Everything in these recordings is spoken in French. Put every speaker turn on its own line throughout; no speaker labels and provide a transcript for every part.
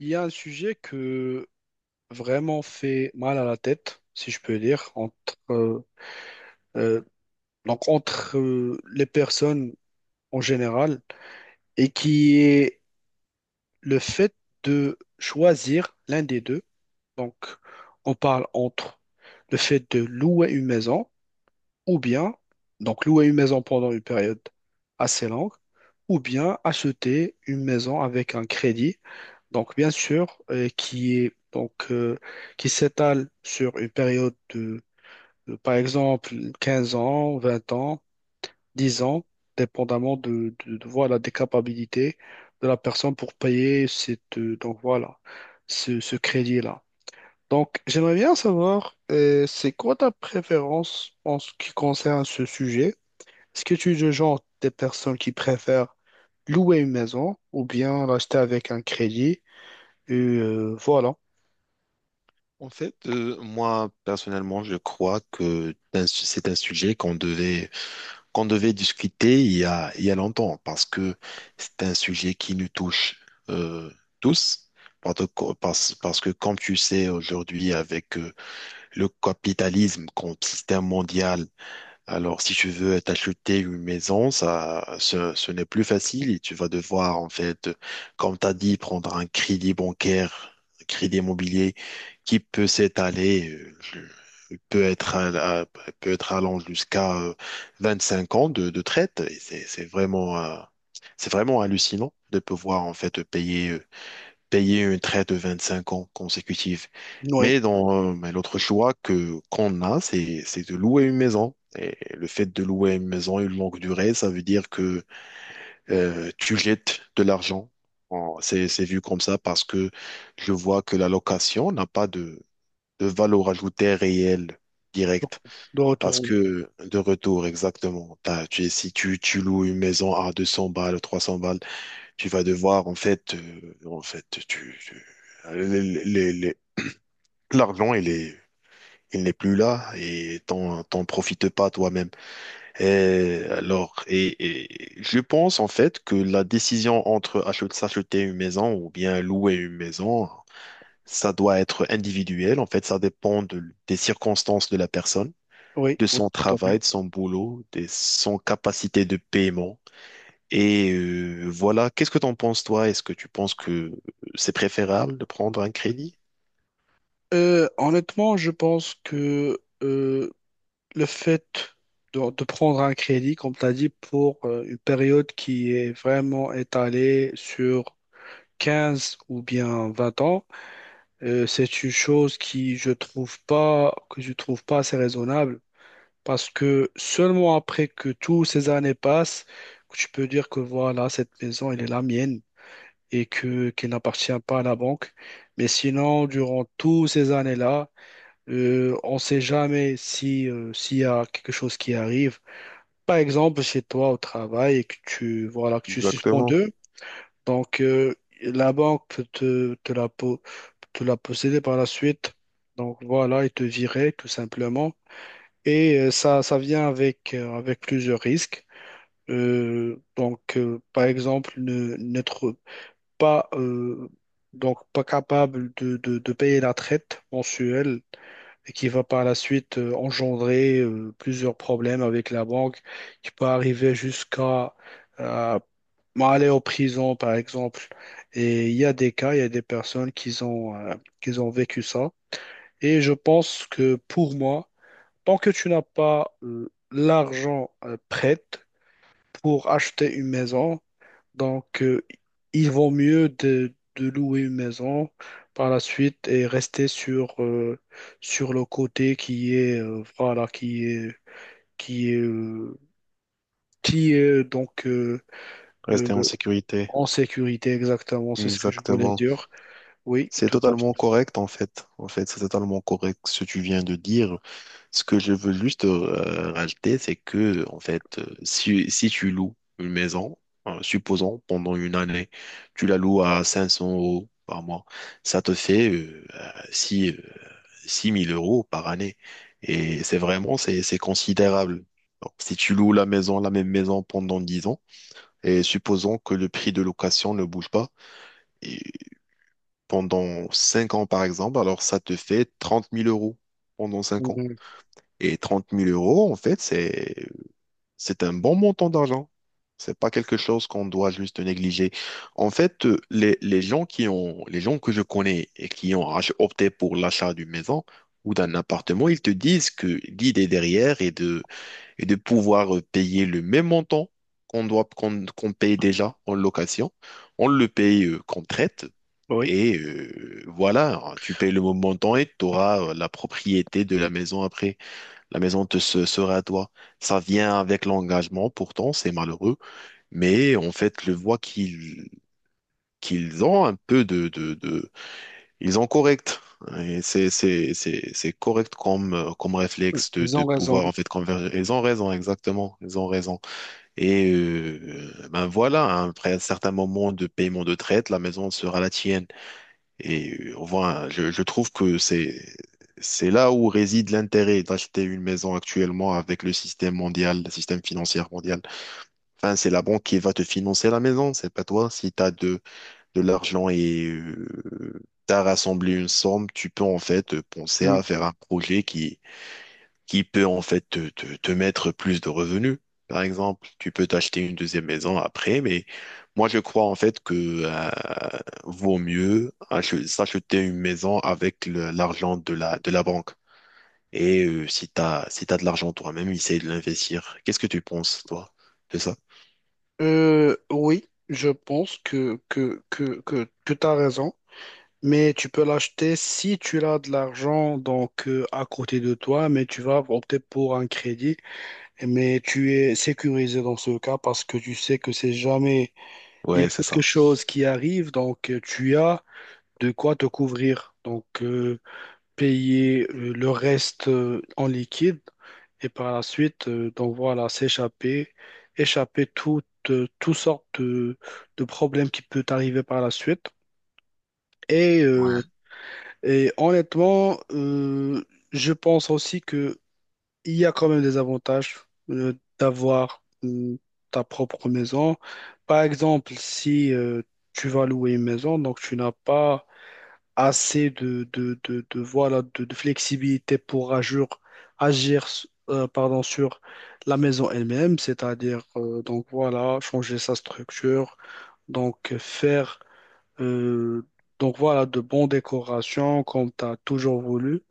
Il y a un sujet que vraiment fait mal à la tête, si je peux dire, euh, euh, entre les personnes en général, et qui est le fait de choisir l'un des deux. Donc, on parle entre le fait de louer une maison ou bien donc louer une maison pendant une période assez longue, ou bien acheter une maison avec un crédit, donc bien sûr, qui est donc qui s'étale sur une période de, par exemple 15 ans, 20 ans, 10 ans, dépendamment de, voilà des capacités de la personne pour payer cette donc voilà ce crédit-là. Donc, j'aimerais bien savoir, c'est quoi ta préférence en ce qui concerne ce sujet? Est-ce que tu es le genre des personnes qui préfèrent louer une maison ou bien l'acheter avec un crédit? Et, voilà.
En fait, moi personnellement, je crois que c'est un sujet qu'on devait discuter il y a longtemps parce que c'est un sujet qui nous touche euh, tous parce que comme tu sais aujourd'hui avec le capitalisme comme système mondial. Alors, si tu veux t'acheter une maison, ce n'est plus facile et tu vas devoir, en fait, comme tu as dit, prendre un crédit bancaire, un crédit immobilier qui peut s'étaler, peut être, à- à- peut être allant jusqu'à 25 ans de traite. Et c'est vraiment hallucinant de pouvoir, en fait, payer une traite de 25 ans consécutifs.
Oui.
Mais l'autre choix que qu'on a, c'est de louer une maison. Et le fait de louer une maison une longue durée, ça veut dire que tu jettes de l'argent. C'est vu comme ça parce que je vois que la location n'a pas de valeur ajoutée réelle
Donc,
directe.
de retour.
Parce
Oui,
que de retour, exactement. Si tu loues une maison à 200 balles, 300 balles, tu vas devoir, en fait, les- les- les- l'argent, il n'est plus là et t'en profites pas toi-même. Et alors, et je pense, en fait, que la décision entre s'acheter une maison ou bien louer une maison, ça doit être individuel. En fait, ça dépend des circonstances de la personne,
oui,
de
oui,
son
tant mieux.
travail, de son boulot, de son capacité de paiement et voilà, qu'est-ce que t'en penses toi? Est-ce que tu penses que c'est préférable de prendre un crédit?
Honnêtement, je pense que le fait de prendre un crédit, comme tu as dit, pour une période qui est vraiment étalée sur 15 ou bien 20 ans, c'est une chose qui, je trouve pas, que je trouve pas assez raisonnable. Parce que seulement après que toutes ces années passent, que tu peux dire que voilà, cette maison, elle est la mienne et que qu'elle n'appartient pas à la banque. Mais sinon, durant toutes ces années-là, on ne sait jamais si, s'il y a quelque chose qui arrive. Par exemple, chez toi au travail et que tu suspends
Exactement.
deux. Donc, la banque peut te la posséder par la suite. Donc, voilà, ils te viraient tout simplement. Et ça vient avec plusieurs risques. Donc, par exemple, n'être pas, euh, pas capable de payer la traite mensuelle et qui va par la suite engendrer plusieurs problèmes avec la banque qui peut arriver jusqu'à euh, aller en prison, par exemple. Et il y a des cas, il y a des personnes qui ont vécu ça. Et je pense que pour moi, tant que tu n'as pas l'argent prêt pour acheter une maison, donc il vaut mieux de louer une maison par la suite et rester sur le côté qui est qui est euh, qui est donc euh,
Rester en
euh,
sécurité.
en sécurité exactement, c'est ce que je voulais
Exactement.
dire. Oui,
C'est
tout à
totalement
fait.
correct en fait. En fait, c'est totalement correct ce que tu viens de dire. Ce que je veux juste rajouter, c'est que en fait, si tu loues une maison, supposons pendant une année, tu la loues à 500 € par mois, ça te fait 6 000 € par année. Et c'est considérable. Donc, si tu loues la maison, la même maison pendant 10 ans, et supposons que le prix de location ne bouge pas, pendant 5 ans, par exemple, alors ça te fait 30 000 € pendant 5 ans.
Euh,
Et trente mille euros, en fait, c'est un bon montant d'argent. C'est pas quelque chose qu'on doit juste négliger. En fait, les gens que je connais et qui ont opté pour l'achat d'une maison ou d'un appartement, ils te disent que l'idée derrière est de pouvoir payer le même montant qu'on paye déjà en location. On le paye qu'on traite
oui,
et voilà, hein, tu payes le montant et tu auras la propriété de la maison après. La maison te sera à toi. Ça vient avec l'engagement, pourtant, c'est malheureux. Mais en fait, le voit qu'ils ont un peu Ils ont correct. Hein, et c'est correct comme, comme
oui,
réflexe de,
ils
de
ont raison.
pouvoir en fait converger. Ils ont raison, exactement. Ils ont raison. Et ben voilà, hein, après un certain moment de paiement de traite, la maison sera la tienne. Et voilà, je trouve que c'est là où réside l'intérêt d'acheter une maison actuellement avec le système mondial, le système financier mondial. Enfin, c'est la banque qui va te financer la maison, c'est pas toi. Si tu as de l'argent et tu as rassemblé une somme, tu peux en fait penser à faire un projet qui peut en fait te mettre plus de revenus. Par exemple, tu peux t'acheter une deuxième maison après, mais moi je crois en fait que euh, vaut mieux s'acheter une maison avec l'argent de la banque. Et si t'as de l'argent toi-même, essaye de l'investir. Qu'est-ce que tu penses, toi, de ça?
Oui, je pense que tu as raison, mais tu peux l'acheter si tu as de l'argent donc à côté de toi, mais tu vas opter pour un crédit, mais tu es sécurisé dans ce cas parce que tu sais que c'est jamais, il y a
Ouais, c'est
quelque
ça.
chose qui arrive, donc tu as de quoi te couvrir. Donc, payer le reste en liquide et par la suite, donc voilà, échapper toutes sortes de problèmes qui peuvent arriver par la suite. Et, euh, et honnêtement, je pense aussi que il y a quand même des avantages euh, d'avoir ta propre maison. Par exemple, si tu vas louer une maison, donc tu n'as pas assez de flexibilité pour agir pardon, sur la maison elle-même, c'est-à-dire donc voilà, changer sa structure, donc faire euh, donc voilà, de bonnes décorations comme tu as toujours voulu.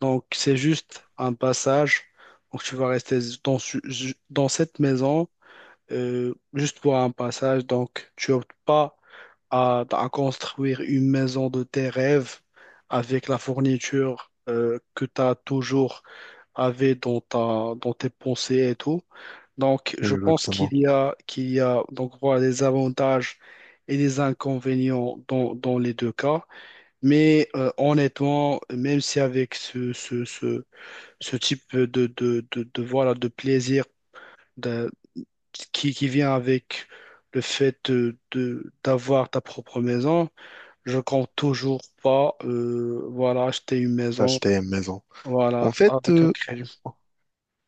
Donc c'est juste un passage. Donc tu vas rester dans cette maison juste pour un passage. Donc, tu optes pas à construire une maison de tes rêves avec la fourniture que tu as toujours avait dans tes pensées et tout. Donc, je pense
Exactement.
qu'il y a donc, voilà, des avantages et des inconvénients dans les deux cas. Mais honnêtement, même si avec ce type de plaisir, qui vient avec le fait d'avoir ta propre maison. Je compte toujours pas voilà, acheter une maison
Acheter une maison. En
voilà,
fait,
avec un crédit.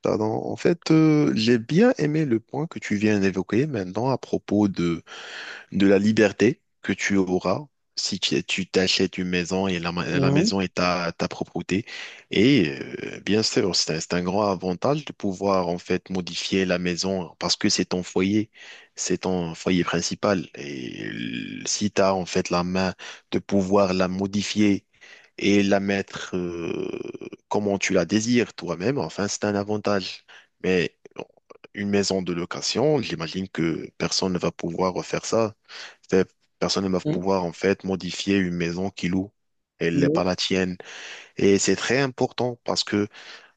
pardon, j'ai bien aimé le point que tu viens d'évoquer maintenant à propos de la liberté que tu auras si tu t'achètes une maison et la
Mhm,
maison est ta propriété. Et bien sûr, c'est un grand avantage de pouvoir en fait modifier la maison parce que c'est ton foyer principal. Et si tu as en fait la main de pouvoir la modifier et la mettre comment tu la désires toi-même, enfin, c'est un avantage. Mais bon, une maison de location, j'imagine que personne ne va pouvoir refaire ça. Ces personne ne va
mhm,
pouvoir en fait modifier une maison qu'il loue. Elle n'est
oui,
pas la tienne. Et c'est très important parce que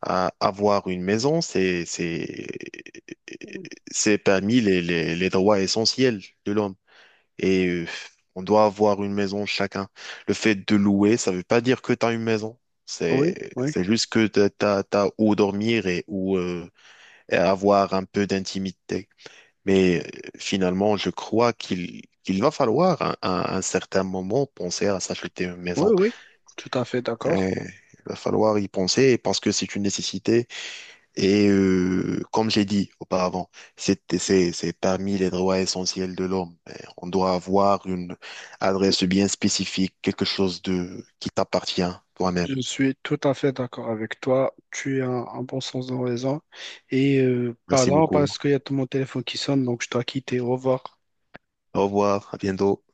avoir une maison, c'est parmi les droits essentiels de l'homme. Et on doit avoir une maison chacun. Le fait de louer, ça veut pas dire que tu as une maison.
oui,
C'est,
oui,
c'est juste que tu as, où dormir et où et avoir un peu d'intimité. Mais finalement, je crois qu'il va falloir à un certain moment penser à s'acheter une
oui,
maison.
oui, tout à fait
Euh,
d'accord.
il va falloir y penser parce que c'est une nécessité. Et comme j'ai dit auparavant, c'est parmi les droits essentiels de l'homme. On doit avoir une adresse bien spécifique, quelque chose de qui t'appartient toi-même.
Je suis tout à fait d'accord avec toi. Tu as un bon sens de raison. Et
Merci
pardon,
beaucoup.
parce qu'il y a tout mon téléphone qui sonne, donc je dois quitter. Au revoir.
Au revoir, à bientôt.